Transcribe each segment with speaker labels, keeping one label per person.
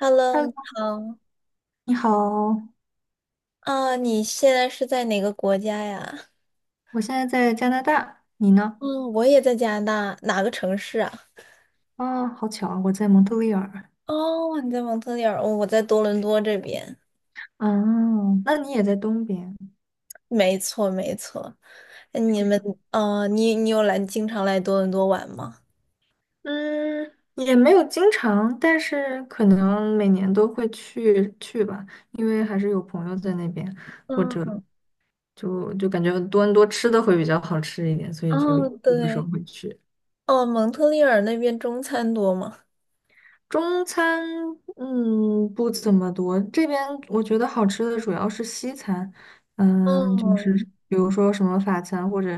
Speaker 1: Hello，你
Speaker 2: Hello，
Speaker 1: 好。
Speaker 2: 你好，
Speaker 1: 啊，你现在是在哪个国家呀？
Speaker 2: 我现在在加拿大，你呢？
Speaker 1: 嗯，我也在加拿大，哪个城市啊？
Speaker 2: 啊，好巧啊，我在蒙特利尔。
Speaker 1: 哦，你在蒙特利尔，哦我在多伦多这边。
Speaker 2: 啊，那你也在东边，
Speaker 1: 没错，没错。你
Speaker 2: 是
Speaker 1: 们，
Speaker 2: 的。
Speaker 1: 你有经常来多伦多玩吗？
Speaker 2: 嗯，也没有经常，但是可能每年都会去去吧，因为还是有朋友在那边，或者
Speaker 1: 嗯，
Speaker 2: 就感觉多伦多吃的会比较好吃一点，所以就
Speaker 1: 哦，
Speaker 2: 有的时候
Speaker 1: 对，
Speaker 2: 会去。
Speaker 1: 哦，蒙特利尔那边中餐多吗？
Speaker 2: 中餐，不怎么多。这边我觉得好吃的主要是西餐，就是
Speaker 1: 嗯，
Speaker 2: 比如说什么法餐或者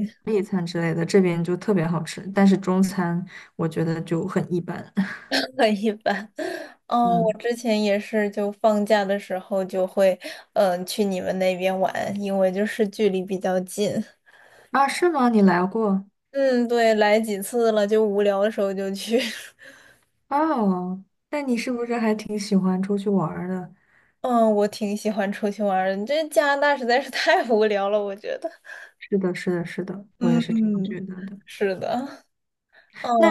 Speaker 2: 意大利餐之类的，这边就特别好吃。但是中餐我觉得就很一般。
Speaker 1: 很一般。哦，我
Speaker 2: 嗯，
Speaker 1: 之前也是，就放假的时候就会，去你们那边玩，因为就是距离比较近。
Speaker 2: 啊，是吗？你来过？
Speaker 1: 嗯，对，来几次了，就无聊的时候就去。
Speaker 2: 哦，那你是不是还挺喜欢出去玩儿的？
Speaker 1: 嗯，我挺喜欢出去玩儿的，这加拿大实在是太无聊了，我觉得。
Speaker 2: 是的，是的，是的，我也
Speaker 1: 嗯
Speaker 2: 是这样
Speaker 1: 嗯，
Speaker 2: 觉得的。
Speaker 1: 是的。嗯
Speaker 2: 那，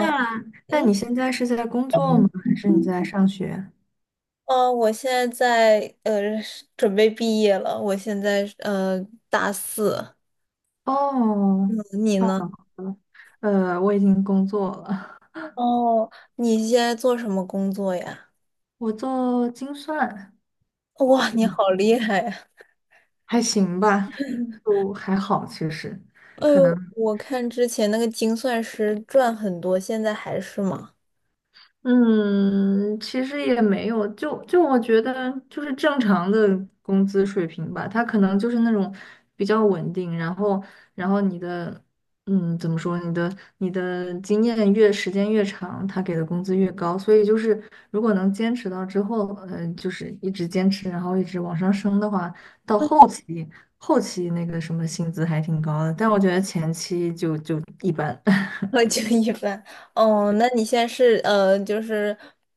Speaker 2: 那
Speaker 1: 嗯
Speaker 2: 你现在是在工作吗？还是你在上学？
Speaker 1: 我现在是准备毕业了，我现在大四。
Speaker 2: 哦，
Speaker 1: 嗯你
Speaker 2: 太好
Speaker 1: 呢？
Speaker 2: 了，我已经工作了，
Speaker 1: 哦，你现在做什么工作呀？
Speaker 2: 我做精算，
Speaker 1: 哇，你好
Speaker 2: 嗯
Speaker 1: 厉害呀！
Speaker 2: 还行吧，就还好，其实
Speaker 1: 哎
Speaker 2: 可
Speaker 1: 呦，
Speaker 2: 能。
Speaker 1: 我看之前那个精算师赚很多，现在还是吗？
Speaker 2: 嗯，其实也没有，就我觉得就是正常的工资水平吧，他可能就是那种比较稳定，然后你的嗯怎么说，你的经验越时间越长，他给的工资越高，所以就是如果能坚持到之后，就是一直坚持，然后一直往上升的话，到后期那个什么薪资还挺高的，但我觉得前期就一般。
Speaker 1: 就一般。哦，那你现在是就是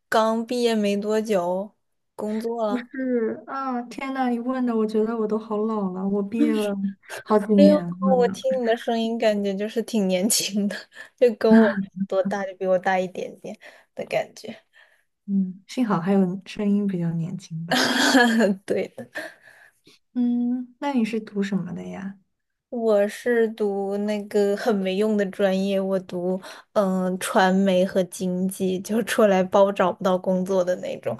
Speaker 1: 刚毕业没多久，工作
Speaker 2: 不
Speaker 1: 了？
Speaker 2: 是啊，天呐，你问的，我觉得我都好老了，我毕业了好几
Speaker 1: 哎呦，
Speaker 2: 年了。
Speaker 1: 我听你的声音，感觉就是挺年轻的，就跟我多大，就比我大一点点的感觉。
Speaker 2: 嗯，幸好还有声音比较年轻吧。
Speaker 1: 对。
Speaker 2: 嗯，那你是读什么的呀？
Speaker 1: 我是读那个很没用的专业，我读传媒和经济，就出来包找不到工作的那种。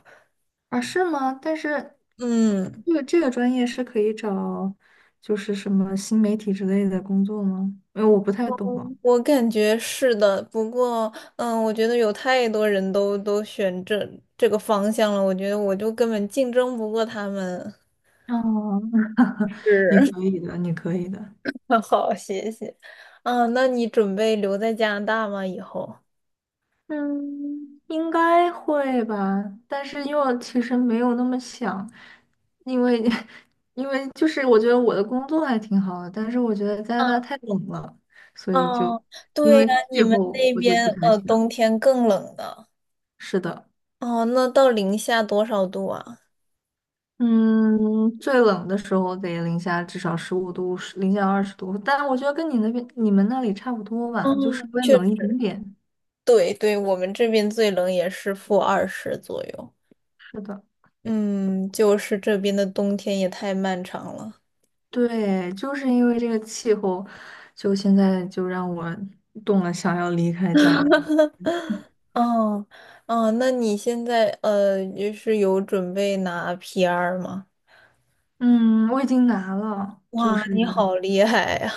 Speaker 2: 啊，是吗？但是
Speaker 1: 嗯，
Speaker 2: 这个专业是可以找，就是什么新媒体之类的工作吗？因为我不太懂哦。
Speaker 1: 我感觉是的，不过，嗯，我觉得有太多人都选这个方向了，我觉得我就根本竞争不过他们。
Speaker 2: 哦，你
Speaker 1: 是，
Speaker 2: 可以的，你可以的。
Speaker 1: 好，谢谢。嗯，那你准备留在加拿大吗？以后？
Speaker 2: 嗯，应该会吧，但是又其实没有那么想，因为 因为就是我觉得我的工作还挺好的，但是我觉得加拿大太冷了，所以就
Speaker 1: 哦，
Speaker 2: 因
Speaker 1: 对呀，
Speaker 2: 为
Speaker 1: 你
Speaker 2: 气
Speaker 1: 们
Speaker 2: 候
Speaker 1: 那
Speaker 2: 我就不
Speaker 1: 边
Speaker 2: 太想。
Speaker 1: 冬天更冷的。
Speaker 2: 是的，
Speaker 1: 哦，那到零下多少度啊？
Speaker 2: 嗯，最冷的时候得零下至少15度，零下20度，但我觉得跟你那边你们那里差不多吧，就稍
Speaker 1: 嗯，
Speaker 2: 微
Speaker 1: 确
Speaker 2: 冷一
Speaker 1: 实，
Speaker 2: 点点。
Speaker 1: 对对，我们这边最冷也是负二十左右。
Speaker 2: 是的。
Speaker 1: 嗯，就是这边的冬天也太漫长了。
Speaker 2: 对，就是因为这个气候，就现在就让我动了想要离开家的。
Speaker 1: 哦，哦，那你现在就是有准备拿 PR 吗？
Speaker 2: 嗯，我已经拿了，就
Speaker 1: 哇，
Speaker 2: 是
Speaker 1: 你好厉害呀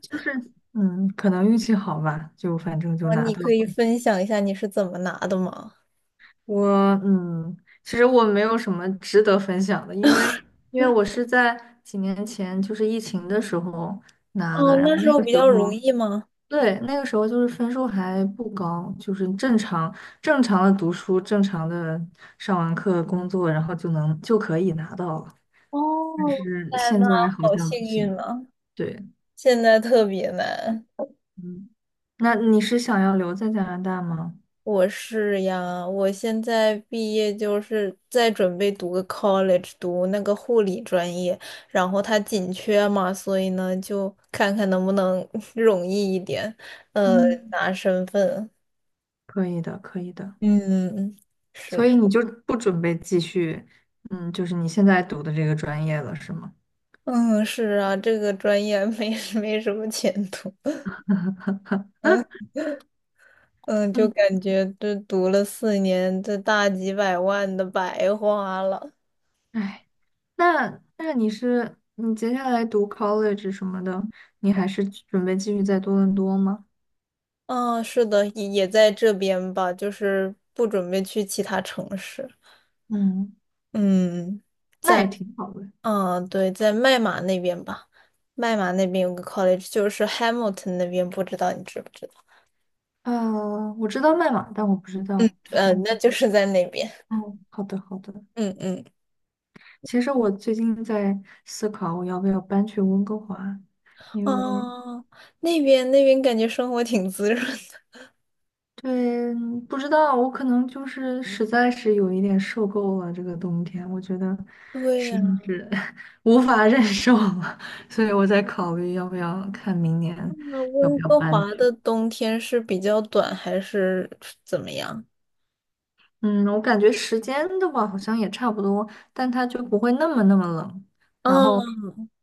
Speaker 2: 就是，可能运气好吧，就反正 就
Speaker 1: 哇，
Speaker 2: 拿
Speaker 1: 你
Speaker 2: 到
Speaker 1: 可以
Speaker 2: 了。
Speaker 1: 分享一下你是怎么拿的吗？
Speaker 2: 我嗯，其实我没有什么值得分享的，因为我是在几年前就是疫情的时候拿
Speaker 1: 哦，
Speaker 2: 的，然
Speaker 1: 那
Speaker 2: 后
Speaker 1: 时
Speaker 2: 那
Speaker 1: 候
Speaker 2: 个
Speaker 1: 比
Speaker 2: 时
Speaker 1: 较容
Speaker 2: 候。
Speaker 1: 易吗？
Speaker 2: 对，那个时候就是分数还不高，就是正常的读书，正常的上完课工作，然后就可以拿到了。
Speaker 1: 哦，
Speaker 2: 但
Speaker 1: 哇
Speaker 2: 是
Speaker 1: 塞，
Speaker 2: 现
Speaker 1: 那
Speaker 2: 在好
Speaker 1: 好
Speaker 2: 像
Speaker 1: 幸
Speaker 2: 不行。
Speaker 1: 运呢，
Speaker 2: 对，
Speaker 1: 现在特别难。
Speaker 2: 嗯，那你是想要留在加拿大吗？
Speaker 1: 我是呀，我现在毕业就是在准备读个 college，读那个护理专业，然后它紧缺嘛，所以呢就看看能不能 容易一点，呃，
Speaker 2: 嗯，
Speaker 1: 拿身份。
Speaker 2: 可以的，可以的。
Speaker 1: 嗯，
Speaker 2: 所
Speaker 1: 是，
Speaker 2: 以你就不准备继续，就是你现在读的这个专业了，是吗？
Speaker 1: 嗯，是啊，这个专业没 没什么前途。嗯嗯，就
Speaker 2: 嗯，
Speaker 1: 感觉这读了四年，这大几百万的白花了。
Speaker 2: 哎，那那你接下来读 college 什么的，你还是准备继续在多伦多吗？
Speaker 1: 嗯，是的，也在这边吧，就是不准备去其他城市。
Speaker 2: 嗯，
Speaker 1: 嗯
Speaker 2: 那也挺好的。
Speaker 1: 嗯，对，在麦马那边吧，麦马那边有个 college，就是 Hamilton 那边，不知道你知不知道？
Speaker 2: 我知道麦马，但我不知道还
Speaker 1: 嗯，
Speaker 2: 有。
Speaker 1: 那就是在那边。
Speaker 2: 哦，好的好的。
Speaker 1: 嗯嗯，
Speaker 2: 其实我最近在思考，我要不要搬去温哥华，因为
Speaker 1: 哦，那边感觉生活挺滋润的。
Speaker 2: 对，不知道我可能就是实在是有一点受够了这个冬天，我觉得
Speaker 1: 对
Speaker 2: 实在
Speaker 1: 呀，
Speaker 2: 是 无法忍受了，所以我在考虑要不要看明年
Speaker 1: 那
Speaker 2: 要不
Speaker 1: 温
Speaker 2: 要
Speaker 1: 哥
Speaker 2: 搬。
Speaker 1: 华的冬天是比较短还是怎么样？
Speaker 2: 嗯，我感觉时间的话好像也差不多，但它就不会那么那么冷。然后
Speaker 1: 哦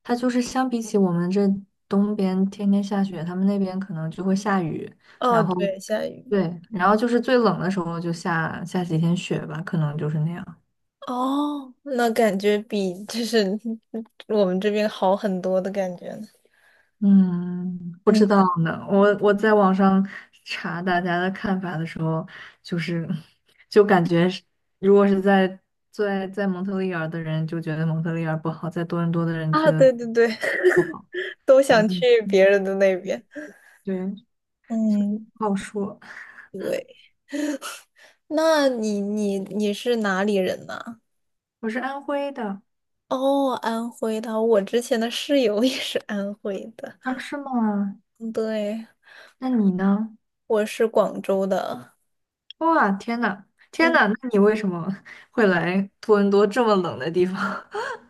Speaker 2: 它就是相比起我们这东边天天下雪，他们那边可能就会下雨。
Speaker 1: 哦，
Speaker 2: 然后
Speaker 1: 对，下雨。
Speaker 2: 对，然后就是最冷的时候就下几天雪吧，可能就是那样。
Speaker 1: 哦，那感觉比就是 我们这边好很多的感觉呢
Speaker 2: 嗯，不
Speaker 1: 嗯
Speaker 2: 知道呢。我在网上查大家的看法的时候，就是就感觉是，如果是在在蒙特利尔的人就觉得蒙特利尔不好，在多伦多的人觉
Speaker 1: 啊，
Speaker 2: 得
Speaker 1: 对对对，
Speaker 2: 不 好，
Speaker 1: 都
Speaker 2: 反
Speaker 1: 想
Speaker 2: 正
Speaker 1: 去别人的那边。
Speaker 2: 对，
Speaker 1: 嗯，
Speaker 2: 不好说。
Speaker 1: 对。那你是哪里人呢？
Speaker 2: 我是安徽的。
Speaker 1: 哦，安徽的，我之前的室友也是安徽的。
Speaker 2: 啊，是吗？
Speaker 1: 嗯对，
Speaker 2: 那你呢？
Speaker 1: 我是广州的。
Speaker 2: 哇，天呐，天
Speaker 1: 嗯，
Speaker 2: 呐，那你为什么 会来多伦多这么冷的地方？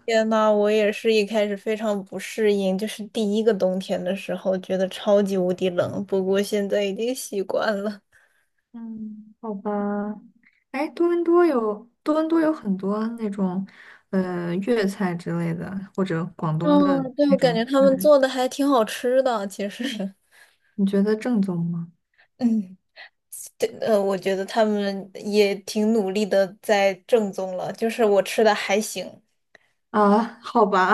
Speaker 1: 天呐，我也是一开始非常不适应，就是第一个冬天的时候，觉得超级无敌冷，不过现在已经习惯了。
Speaker 2: 嗯，好吧。哎，多伦多有很多那种粤菜之类的，或者广东的
Speaker 1: 嗯，对，
Speaker 2: 那
Speaker 1: 我感觉
Speaker 2: 种
Speaker 1: 他们
Speaker 2: 菜，
Speaker 1: 做的还挺好吃的，其实。
Speaker 2: 你觉得正宗吗？
Speaker 1: 嗯，对，我觉得他们也挺努力的在正宗了，就是我吃的还行，
Speaker 2: 啊，好吧，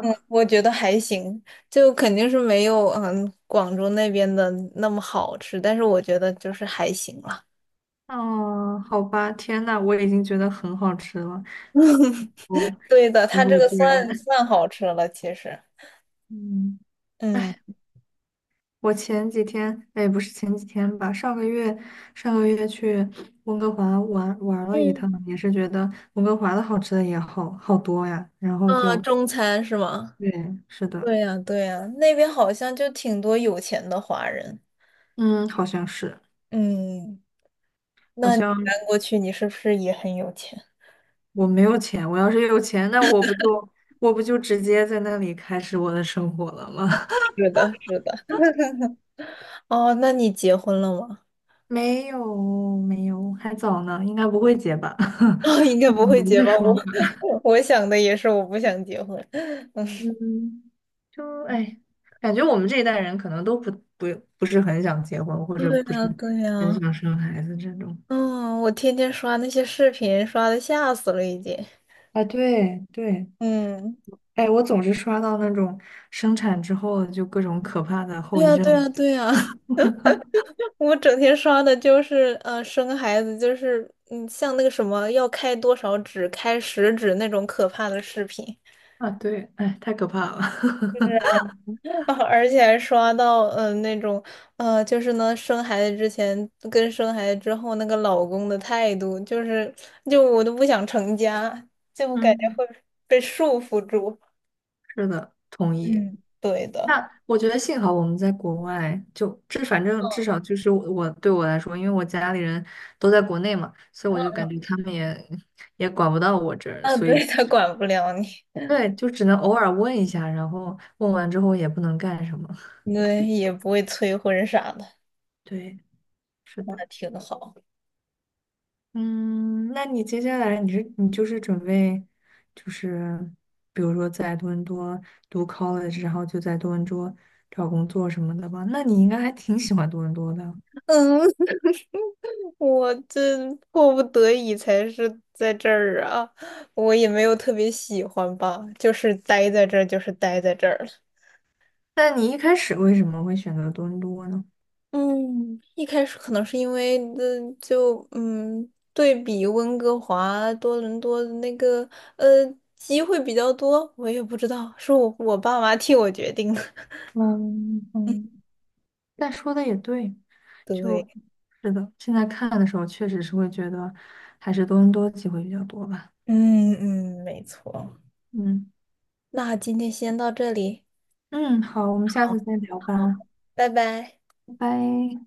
Speaker 1: 嗯，我觉得还行，就肯定是没有广州那边的那么好吃，但是我觉得就是还行了。
Speaker 2: 哦，好吧，天呐，我已经觉得很好吃了，我
Speaker 1: 对的，
Speaker 2: 结
Speaker 1: 它这
Speaker 2: 果
Speaker 1: 个
Speaker 2: 居然，
Speaker 1: 算 算好吃了，其实，
Speaker 2: 嗯。
Speaker 1: 嗯，
Speaker 2: 哎，我前几天，哎，不是前几天吧，上个月去温哥华玩玩了一
Speaker 1: 嗯，
Speaker 2: 趟，也是觉得温哥华的好吃的也好好多呀。然后
Speaker 1: 啊，
Speaker 2: 就，
Speaker 1: 中餐是吗？
Speaker 2: 对，是的，
Speaker 1: 对呀，对呀，那边好像就挺多有钱的华人，
Speaker 2: 嗯，好像是，
Speaker 1: 嗯。
Speaker 2: 好
Speaker 1: 那你
Speaker 2: 像
Speaker 1: 搬过去，你是不是也很有钱？
Speaker 2: 我没有钱，我要是有钱，那我不就直接在那里开始我的生活了吗？
Speaker 1: 是的，是的。哦，那你结婚了吗？
Speaker 2: 没有，没有，还早呢，应该不会结吧？
Speaker 1: 哦，应该不会
Speaker 2: 嗯，
Speaker 1: 结
Speaker 2: 再
Speaker 1: 吧？
Speaker 2: 说。
Speaker 1: 我 我想的也是，我不想结婚。
Speaker 2: 嗯，就哎，感觉我们这一代人可能都不不是很想结婚，或者
Speaker 1: 对
Speaker 2: 不
Speaker 1: 呀，
Speaker 2: 是
Speaker 1: 对
Speaker 2: 很
Speaker 1: 呀，
Speaker 2: 想生孩子这种。
Speaker 1: 嗯，我天天刷那些视频，刷的吓死了，已经。
Speaker 2: 啊，对对，
Speaker 1: 嗯，
Speaker 2: 哎，我总是刷到那种生产之后就各种可怕的
Speaker 1: 对
Speaker 2: 后遗
Speaker 1: 呀，对
Speaker 2: 症。
Speaker 1: 呀，对呀，我整天刷的就是生孩子就是像那个什么要开多少指，开十指那种可怕的视频。
Speaker 2: 啊，对，哎，太可怕了。
Speaker 1: 是 啊。啊而且还刷到，那种，就是呢，生孩子之前跟生孩子之后那个老公的态度，就是，就我都不想成家，就感觉
Speaker 2: 嗯，
Speaker 1: 会被束缚住。
Speaker 2: 是的，同意。
Speaker 1: 嗯，对的，
Speaker 2: 那我觉得幸好我们在国外，就这反正至少就是我对我来说，因为我家里人都在国内嘛，所以我就感觉他们也管不到我这儿，
Speaker 1: 啊，
Speaker 2: 所以
Speaker 1: 对，他管不了你，
Speaker 2: 对，就只能偶尔问一下，然后问完之后也不能干什么。
Speaker 1: 对，也不会催婚啥的，
Speaker 2: 对，是的。
Speaker 1: 那挺好。
Speaker 2: 嗯，那你接下来你就是准备，就是比如说在多伦多读 college，然后就在多伦多找工作什么的吧？那你应该还挺喜欢多伦多的。
Speaker 1: 嗯，我这迫不得已才是在这儿啊，我也没有特别喜欢吧，就是待在这儿，就是待在这儿。
Speaker 2: 那你一开始为什么会选择多伦多呢？
Speaker 1: 嗯，一开始可能是因为就对比温哥华、多伦多的那个呃机会比较多，我也不知道是我爸妈替我决定的。
Speaker 2: 嗯嗯，但说的也对，
Speaker 1: 对，
Speaker 2: 就是的，现在看的时候确实是会觉得还是多伦多机会比较多吧。
Speaker 1: 嗯嗯，没错。
Speaker 2: 嗯。
Speaker 1: 那今天先到这里，
Speaker 2: 嗯，好，我们下次再聊吧，
Speaker 1: 拜拜。
Speaker 2: 拜拜。